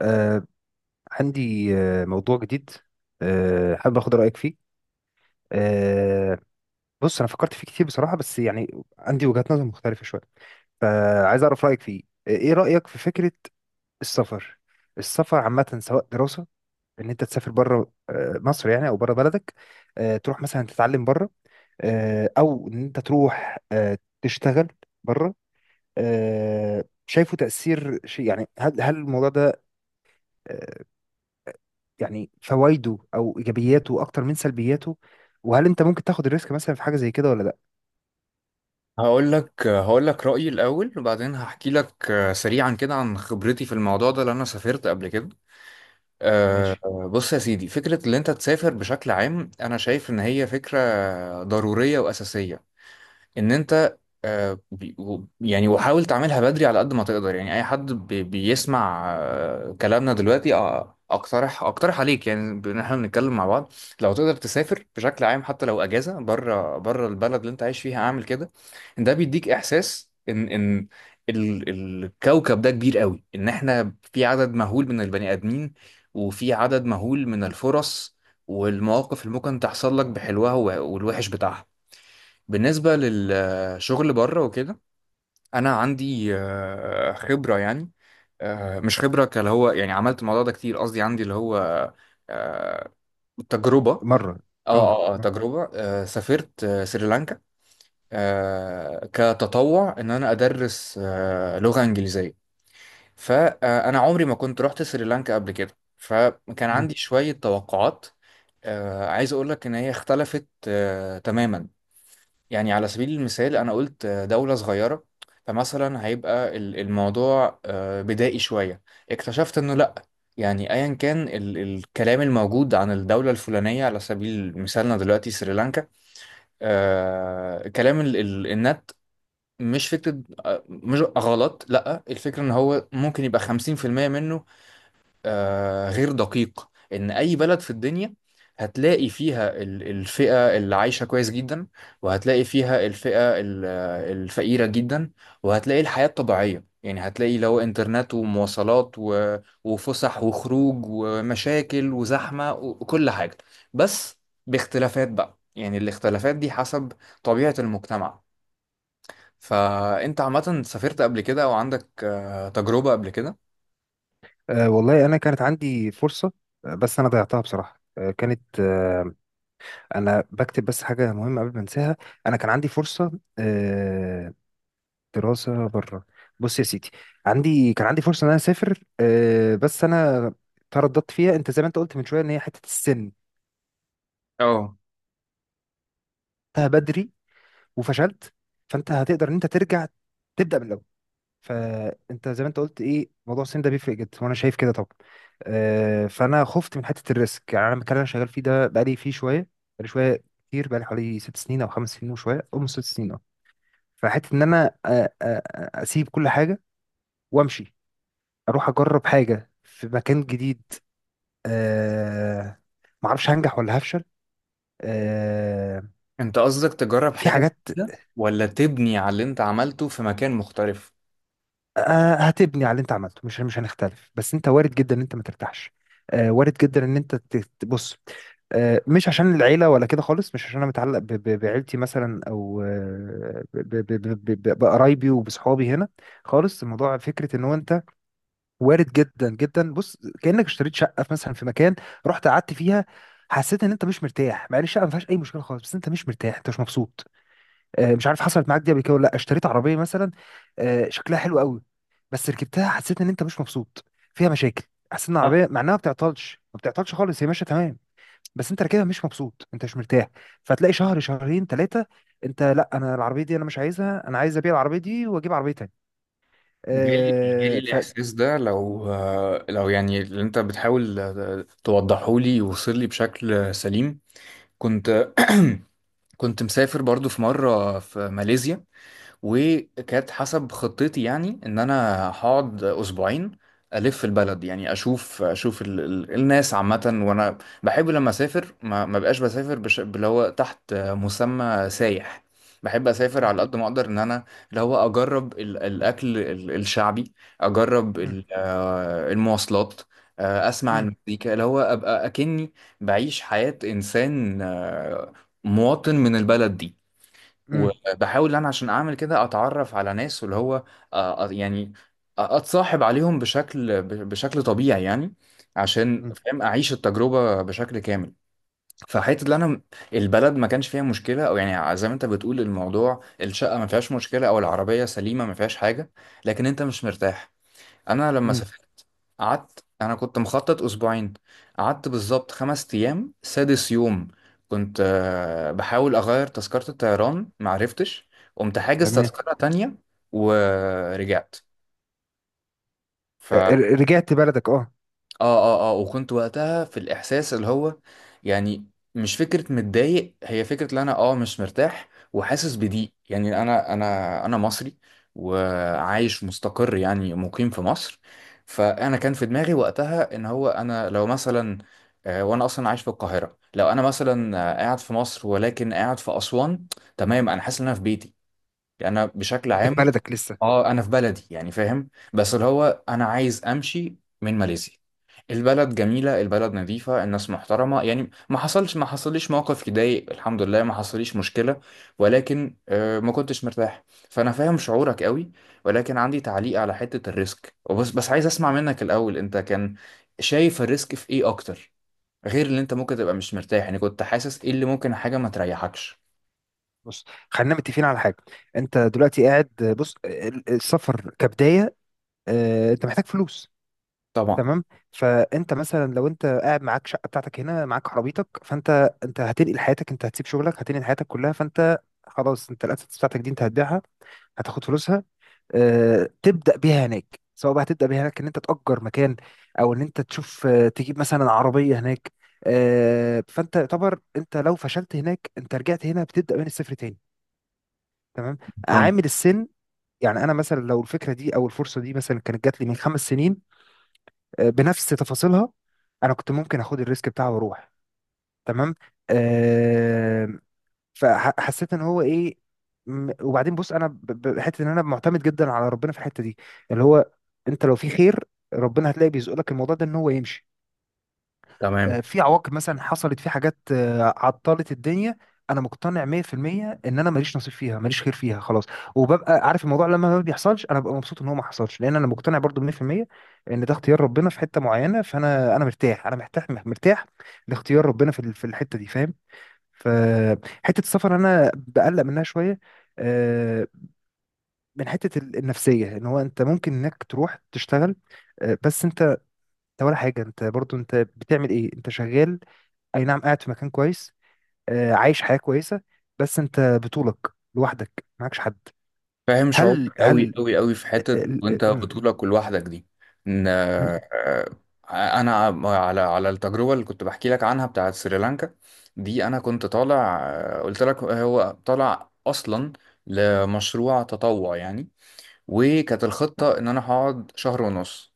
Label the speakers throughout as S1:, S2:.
S1: آه عندي موضوع جديد. حابب اخد رايك فيه. آه بص، انا فكرت فيه كتير بصراحه، بس يعني عندي وجهات نظر مختلفه شويه، فعايز اعرف رايك فيه. ايه رايك في فكره السفر؟ السفر عامه، سواء دراسه ان انت تسافر بره مصر يعني، او بره بلدك، تروح مثلا تتعلم بره، او ان انت تروح تشتغل بره. شايفه تاثير شيء، يعني هل الموضوع ده آه، يعني فوائده او ايجابياته اكتر من سلبياته؟ وهل انت ممكن تاخد الريسك مثلا في حاجه زي كده ولا لا؟
S2: هقول لك رأيي الأول وبعدين هحكي لك سريعا كده عن خبرتي في الموضوع ده لأن أنا سافرت قبل كده. آه،
S1: ماشي.
S2: بص يا سيدي، فكرة إن أنت تسافر بشكل عام أنا شايف إن هي فكرة ضرورية وأساسية. ان انت يعني وحاول تعملها بدري على قد ما تقدر. يعني اي حد بيسمع كلامنا دلوقتي، اقترح عليك، يعني ان احنا بنتكلم مع بعض، لو تقدر تسافر بشكل عام، حتى لو اجازه بره البلد اللي انت عايش فيها، اعمل كده. ده بيديك احساس ان ان الكوكب ده كبير قوي، ان احنا في عدد مهول من البني ادمين، وفي عدد مهول من الفرص والمواقف اللي ممكن تحصل لك بحلوها والوحش بتاعها. بالنسبة للشغل بره وكده، أنا عندي خبرة، يعني مش خبرة كاللي هو يعني عملت الموضوع ده كتير، قصدي عندي اللي هو آه، تجربة.
S1: مره. اه.
S2: اه تجربة. سافرت سريلانكا كتطوع إن أنا أدرس لغة إنجليزية. فأنا عمري ما كنت رحت سريلانكا قبل كده، فكان
S1: مم.
S2: عندي شوية توقعات. عايز أقول لك إن هي اختلفت تماما. يعني على سبيل المثال، أنا قلت دولة صغيرة، فمثلا هيبقى الموضوع بدائي شوية. اكتشفت إنه لأ. يعني أيا كان ال الكلام الموجود عن الدولة الفلانية، على سبيل مثالنا دلوقتي سريلانكا، كلام ال ال النت مش فكرة مش غلط، لأ، الفكرة إن هو ممكن يبقى 50% منه غير دقيق. ان اي بلد في الدنيا هتلاقي فيها الفئة اللي عايشة كويس جدا، وهتلاقي فيها الفئة الفقيرة جدا، وهتلاقي الحياة الطبيعية. يعني هتلاقي لو انترنت ومواصلات وفسح وخروج ومشاكل وزحمة وكل حاجة، بس باختلافات بقى. يعني الاختلافات دي حسب طبيعة المجتمع. فأنت عامة سافرت قبل كده، أو عندك تجربة قبل كده؟
S1: والله انا كانت عندي فرصه، بس انا ضيعتها بصراحه، آه، كانت آه، انا بكتب بس حاجه مهمه قبل ما انساها. انا كان عندي فرصه، آه، دراسه بره. بص يا سيدي، كان عندي فرصه ان انا اسافر، بس انا ترددت فيها. انت زي ما انت قلت من شويه، ان هي حته السن
S2: اه،
S1: انتهى بدري وفشلت، فانت هتقدر ان انت ترجع تبدا من الاول. فانت زي ما انت قلت ايه، موضوع السن ده بيفرق جدا، وانا شايف كده طبعا. فانا خفت من حته الريسك. يعني انا المكان اللي انا شغال فيه ده بقالي فيه شويه، بقالي شويه كتير، بقالي حوالي ست سنين او خمس سنين وشويه او ست سنين، اه. فحته ان انا اسيب كل حاجه وامشي، اروح اجرب حاجه في مكان جديد. أه. ما اعرفش هنجح ولا هفشل. أه.
S2: انت قصدك تجرب
S1: في
S2: حاجة
S1: حاجات،
S2: جديدة ولا تبني على اللي انت عملته في مكان مختلف؟
S1: هتبني على اللي انت عملته. مش هنختلف، بس انت وارد جدا ان انت ما ترتاحش. وارد جدا ان انت بص، مش عشان العيله ولا كده خالص، مش عشان انا متعلق بعيلتي مثلا، او بقرايبي وبصحابي هنا خالص. الموضوع فكره ان هو انت وارد جدا جدا. بص، كانك اشتريت شقه في مثلا في مكان، رحت قعدت فيها، حسيت ان انت مش مرتاح، مع ان الشقه ما فيهاش اي مشكله خالص، بس انت مش مرتاح، انت مش مبسوط. مش عارف حصلت معاك دي قبل كده ولا لا. اشتريت عربيه مثلا، شكلها حلو قوي، بس ركبتها حسيت ان انت مش مبسوط، فيها مشاكل. حسيت ان
S2: آه،
S1: العربيه مع انها ما بتعطلش خالص، هي ماشيه تمام، بس انت راكبها مش مبسوط، انت مش مرتاح. فتلاقي شهر، شهرين، ثلاثه، انت: لا، انا العربيه دي انا مش عايزها، انا عايز ابيع العربيه دي واجيب عربيه تانية.
S2: جالي
S1: آه، ف
S2: الإحساس ده، لو لو يعني اللي انت بتحاول توضحه لي يوصل لي بشكل سليم. كنت كنت مسافر برضو في مرة في ماليزيا، وكانت حسب خطتي يعني ان انا هقعد اسبوعين، الف البلد، يعني اشوف ال الناس عامه. وانا بحب لما اسافر ما بقاش بسافر اللي هو تحت مسمى سايح. بحب اسافر
S1: مم.
S2: على قد ما اقدر ان انا اللي هو اجرب الاكل الشعبي، اجرب
S1: مم.
S2: ال آه، المواصلات، اسمع
S1: مم.
S2: المزيكا، اللي هو ابقى اكني بعيش حياه انسان مواطن من البلد دي.
S1: مم.
S2: وبحاول ان انا، عشان اعمل كده، اتعرف على ناس، واللي هو آه، آه، يعني اتصاحب عليهم بشكل بشكل طبيعي يعني، عشان
S1: مم.
S2: فاهم اعيش التجربة بشكل كامل. فحته اللي انا، البلد ما كانش فيها مشكله، او يعني زي ما انت بتقول، الموضوع الشقه ما فيهاش مشكله او العربيه سليمه ما فيهاش حاجه، لكن انت مش مرتاح. انا لما
S1: مم.
S2: سافرت قعدت، انا كنت مخطط اسبوعين، قعدت بالظبط خمس ايام. سادس يوم كنت بحاول اغير تذكرة الطيران، معرفتش، قمت حاجز
S1: تمام.
S2: تذكرة تانية ورجعت.
S1: رجعت بلدك، اه.
S2: اه اه وكنت وقتها في الاحساس اللي هو، يعني مش فكره متضايق، هي فكره ان انا مش مرتاح وحاسس بضيق. يعني انا انا مصري
S1: مم.
S2: وعايش مستقر، يعني مقيم في مصر. فانا كان في دماغي وقتها ان هو انا لو مثلا، وانا اصلا عايش في القاهره، لو انا مثلا
S1: مم.
S2: قاعد في مصر ولكن قاعد في اسوان، تمام انا حاسس ان انا في بيتي، يعني انا بشكل
S1: انت في
S2: عام.
S1: بلدك لسه.
S2: اه، انا في
S1: مم.
S2: بلدي يعني، فاهم، بس اللي هو انا عايز امشي من ماليزيا. البلد جميلة، البلد نظيفة، الناس محترمة، يعني ما حصليش موقف يضايق، الحمد لله ما حصليش مشكلة، ولكن ما كنتش مرتاح. فأنا فاهم شعورك قوي، ولكن عندي تعليق على حتة الريسك. وبس بس عايز أسمع منك الأول، أنت كان شايف الريسك في إيه أكتر، غير اللي أنت ممكن تبقى مش مرتاح؟ يعني كنت حاسس إيه اللي ممكن حاجة ما تريحكش؟
S1: بص، خلينا متفقين على حاجه. انت دلوقتي قاعد، بص، السفر كبدايه، انت محتاج فلوس.
S2: طبعا.
S1: تمام. فانت مثلا، لو انت قاعد معاك شقه بتاعتك هنا، معاك عربيتك، انت هتنقل حياتك، انت هتسيب شغلك، هتنقل حياتك كلها. فانت خلاص، انت الاسيتس بتاعتك دي انت هتبيعها، هتاخد فلوسها، تبدا بيها هناك. سواء بقى هتبدا بيها هناك ان انت تاجر مكان، او ان انت تشوف تجيب مثلا عربيه هناك. فانت يعتبر، انت لو فشلت هناك انت رجعت هنا بتبدا من الصفر تاني. تمام.
S2: مفهوم.
S1: عامل السن، يعني انا مثلا لو الفكره دي او الفرصه دي مثلا كانت جات لي من خمس سنين، بنفس تفاصيلها، انا كنت ممكن اخد الريسك بتاعه واروح. تمام. آه، فحسيت ان هو ايه. وبعدين بص، انا حته ان انا معتمد جدا على ربنا في الحته دي، اللي هو انت لو في خير، ربنا هتلاقي بيزق لك الموضوع ده ان هو يمشي.
S2: تمام.
S1: في عواقب مثلا حصلت، في حاجات عطلت الدنيا، انا مقتنع 100% ان انا ماليش نصيب فيها، ماليش خير فيها، خلاص. وببقى عارف الموضوع لما ما بيحصلش، انا ببقى مبسوط ان هو ما حصلش، لان انا مقتنع برضو 100% ان ده اختيار ربنا في حتة معينة. فانا مرتاح، انا مرتاح، مرتاح لاختيار ربنا في الحتة دي، فاهم؟ فحتة السفر انا بقلق منها شوية، آه، من حتة النفسية، ان هو انت ممكن انك تروح تشتغل، بس انت ولا حاجة. انت برضو انت بتعمل ايه؟ انت شغال، اي نعم، قاعد في مكان كويس، عايش حياة كويسة، بس انت بطولك، لوحدك، معكش حد.
S2: فاهم شعورك
S1: هل
S2: قوي
S1: هل
S2: قوي قوي في
S1: آه،
S2: حتة
S1: آه، ال- آه،
S2: وانت
S1: م-
S2: بطولك ولوحدك دي. ان
S1: م-
S2: آه، انا، على التجربة اللي كنت بحكي لك عنها بتاعت سريلانكا دي، انا كنت طالع قلت لك هو طالع اصلا لمشروع تطوع يعني، وكانت الخطة ان انا هقعد شهر ونص.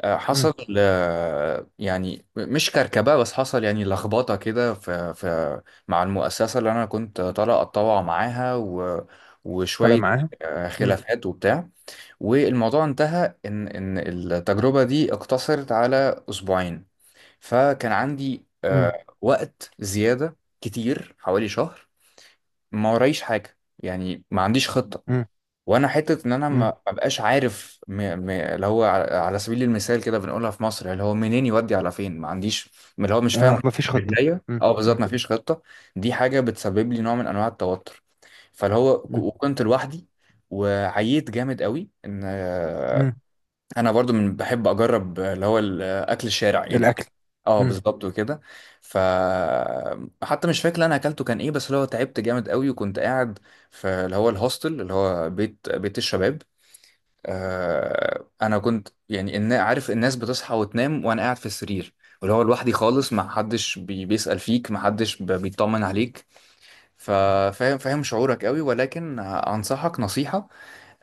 S2: حصل
S1: م-
S2: يعني مش كركبة، بس حصل يعني لخبطة كده في مع المؤسسة اللي أنا كنت طالع أتطوع معاها،
S1: طالع
S2: وشوية
S1: معاها. م-
S2: خلافات وبتاع، والموضوع انتهى إن التجربة دي اقتصرت على أسبوعين. فكان عندي
S1: م-
S2: وقت زيادة كتير، حوالي شهر، ما ورايش حاجة، يعني ما عنديش خطة.
S1: م-
S2: وانا حته ان انا
S1: م.
S2: ما بقاش عارف اللي هو، على سبيل المثال كده بنقولها في مصر، اللي هو منين يودي على فين، ما عنديش اللي هو مش
S1: اه،
S2: فاهم
S1: مفيش خطة.
S2: رجليا.
S1: م-
S2: اه،
S1: م-
S2: بالظبط، ما فيش خطه. دي حاجه بتسبب لي نوع من انواع التوتر. فاللي هو
S1: م-
S2: وكنت لوحدي وعييت جامد قوي. ان
S1: م.
S2: انا برضو من بحب اجرب اللي هو الاكل الشارع يعني،
S1: الاكل.
S2: اه
S1: م-
S2: بالظبط، وكده. ف حتى مش فاكر انا اكلته كان ايه، بس اللي هو تعبت جامد قوي، وكنت قاعد في اللي هو الهوستل، اللي هو بيت الشباب. انا كنت يعني إن عارف الناس بتصحى وتنام، وانا قاعد في السرير، واللي هو لوحدي خالص، ما حدش بيسأل فيك، ما حدش بيطمن عليك. ففاهم شعورك قوي، ولكن انصحك نصيحة،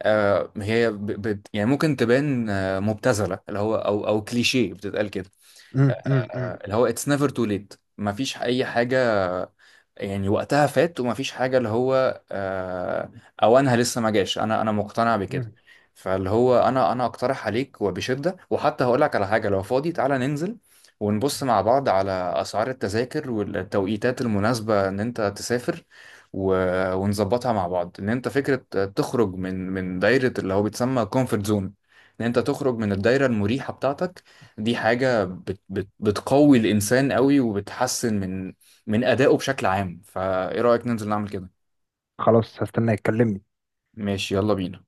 S2: هي يعني ممكن تبان مبتذله، اللي هو او كليشيه بتتقال كده،
S1: م- م- م-
S2: اللي هو اتس نيفر تو ليت. مفيش اي حاجه يعني وقتها فات، ومفيش حاجه اللي هو اوانها لسه ما جاش، انا مقتنع بكده.
S1: م.
S2: فاللي هو انا اقترح عليك وبشده، وحتى هقول لك على حاجه: لو فاضي، تعالى ننزل ونبص مع بعض على اسعار التذاكر والتوقيتات المناسبه ان انت تسافر، ونظبطها مع بعض. ان انت فكره تخرج من دايره اللي هو بيتسمى كومفورت زون، ان انت تخرج من الدايره المريحه بتاعتك، دي حاجة بت بت بتقوي الإنسان قوي، وبتحسن من أدائه بشكل عام. فإيه رأيك ننزل نعمل كده؟
S1: خلاص، هستناك، كلمني.
S2: ماشي، يلا بينا.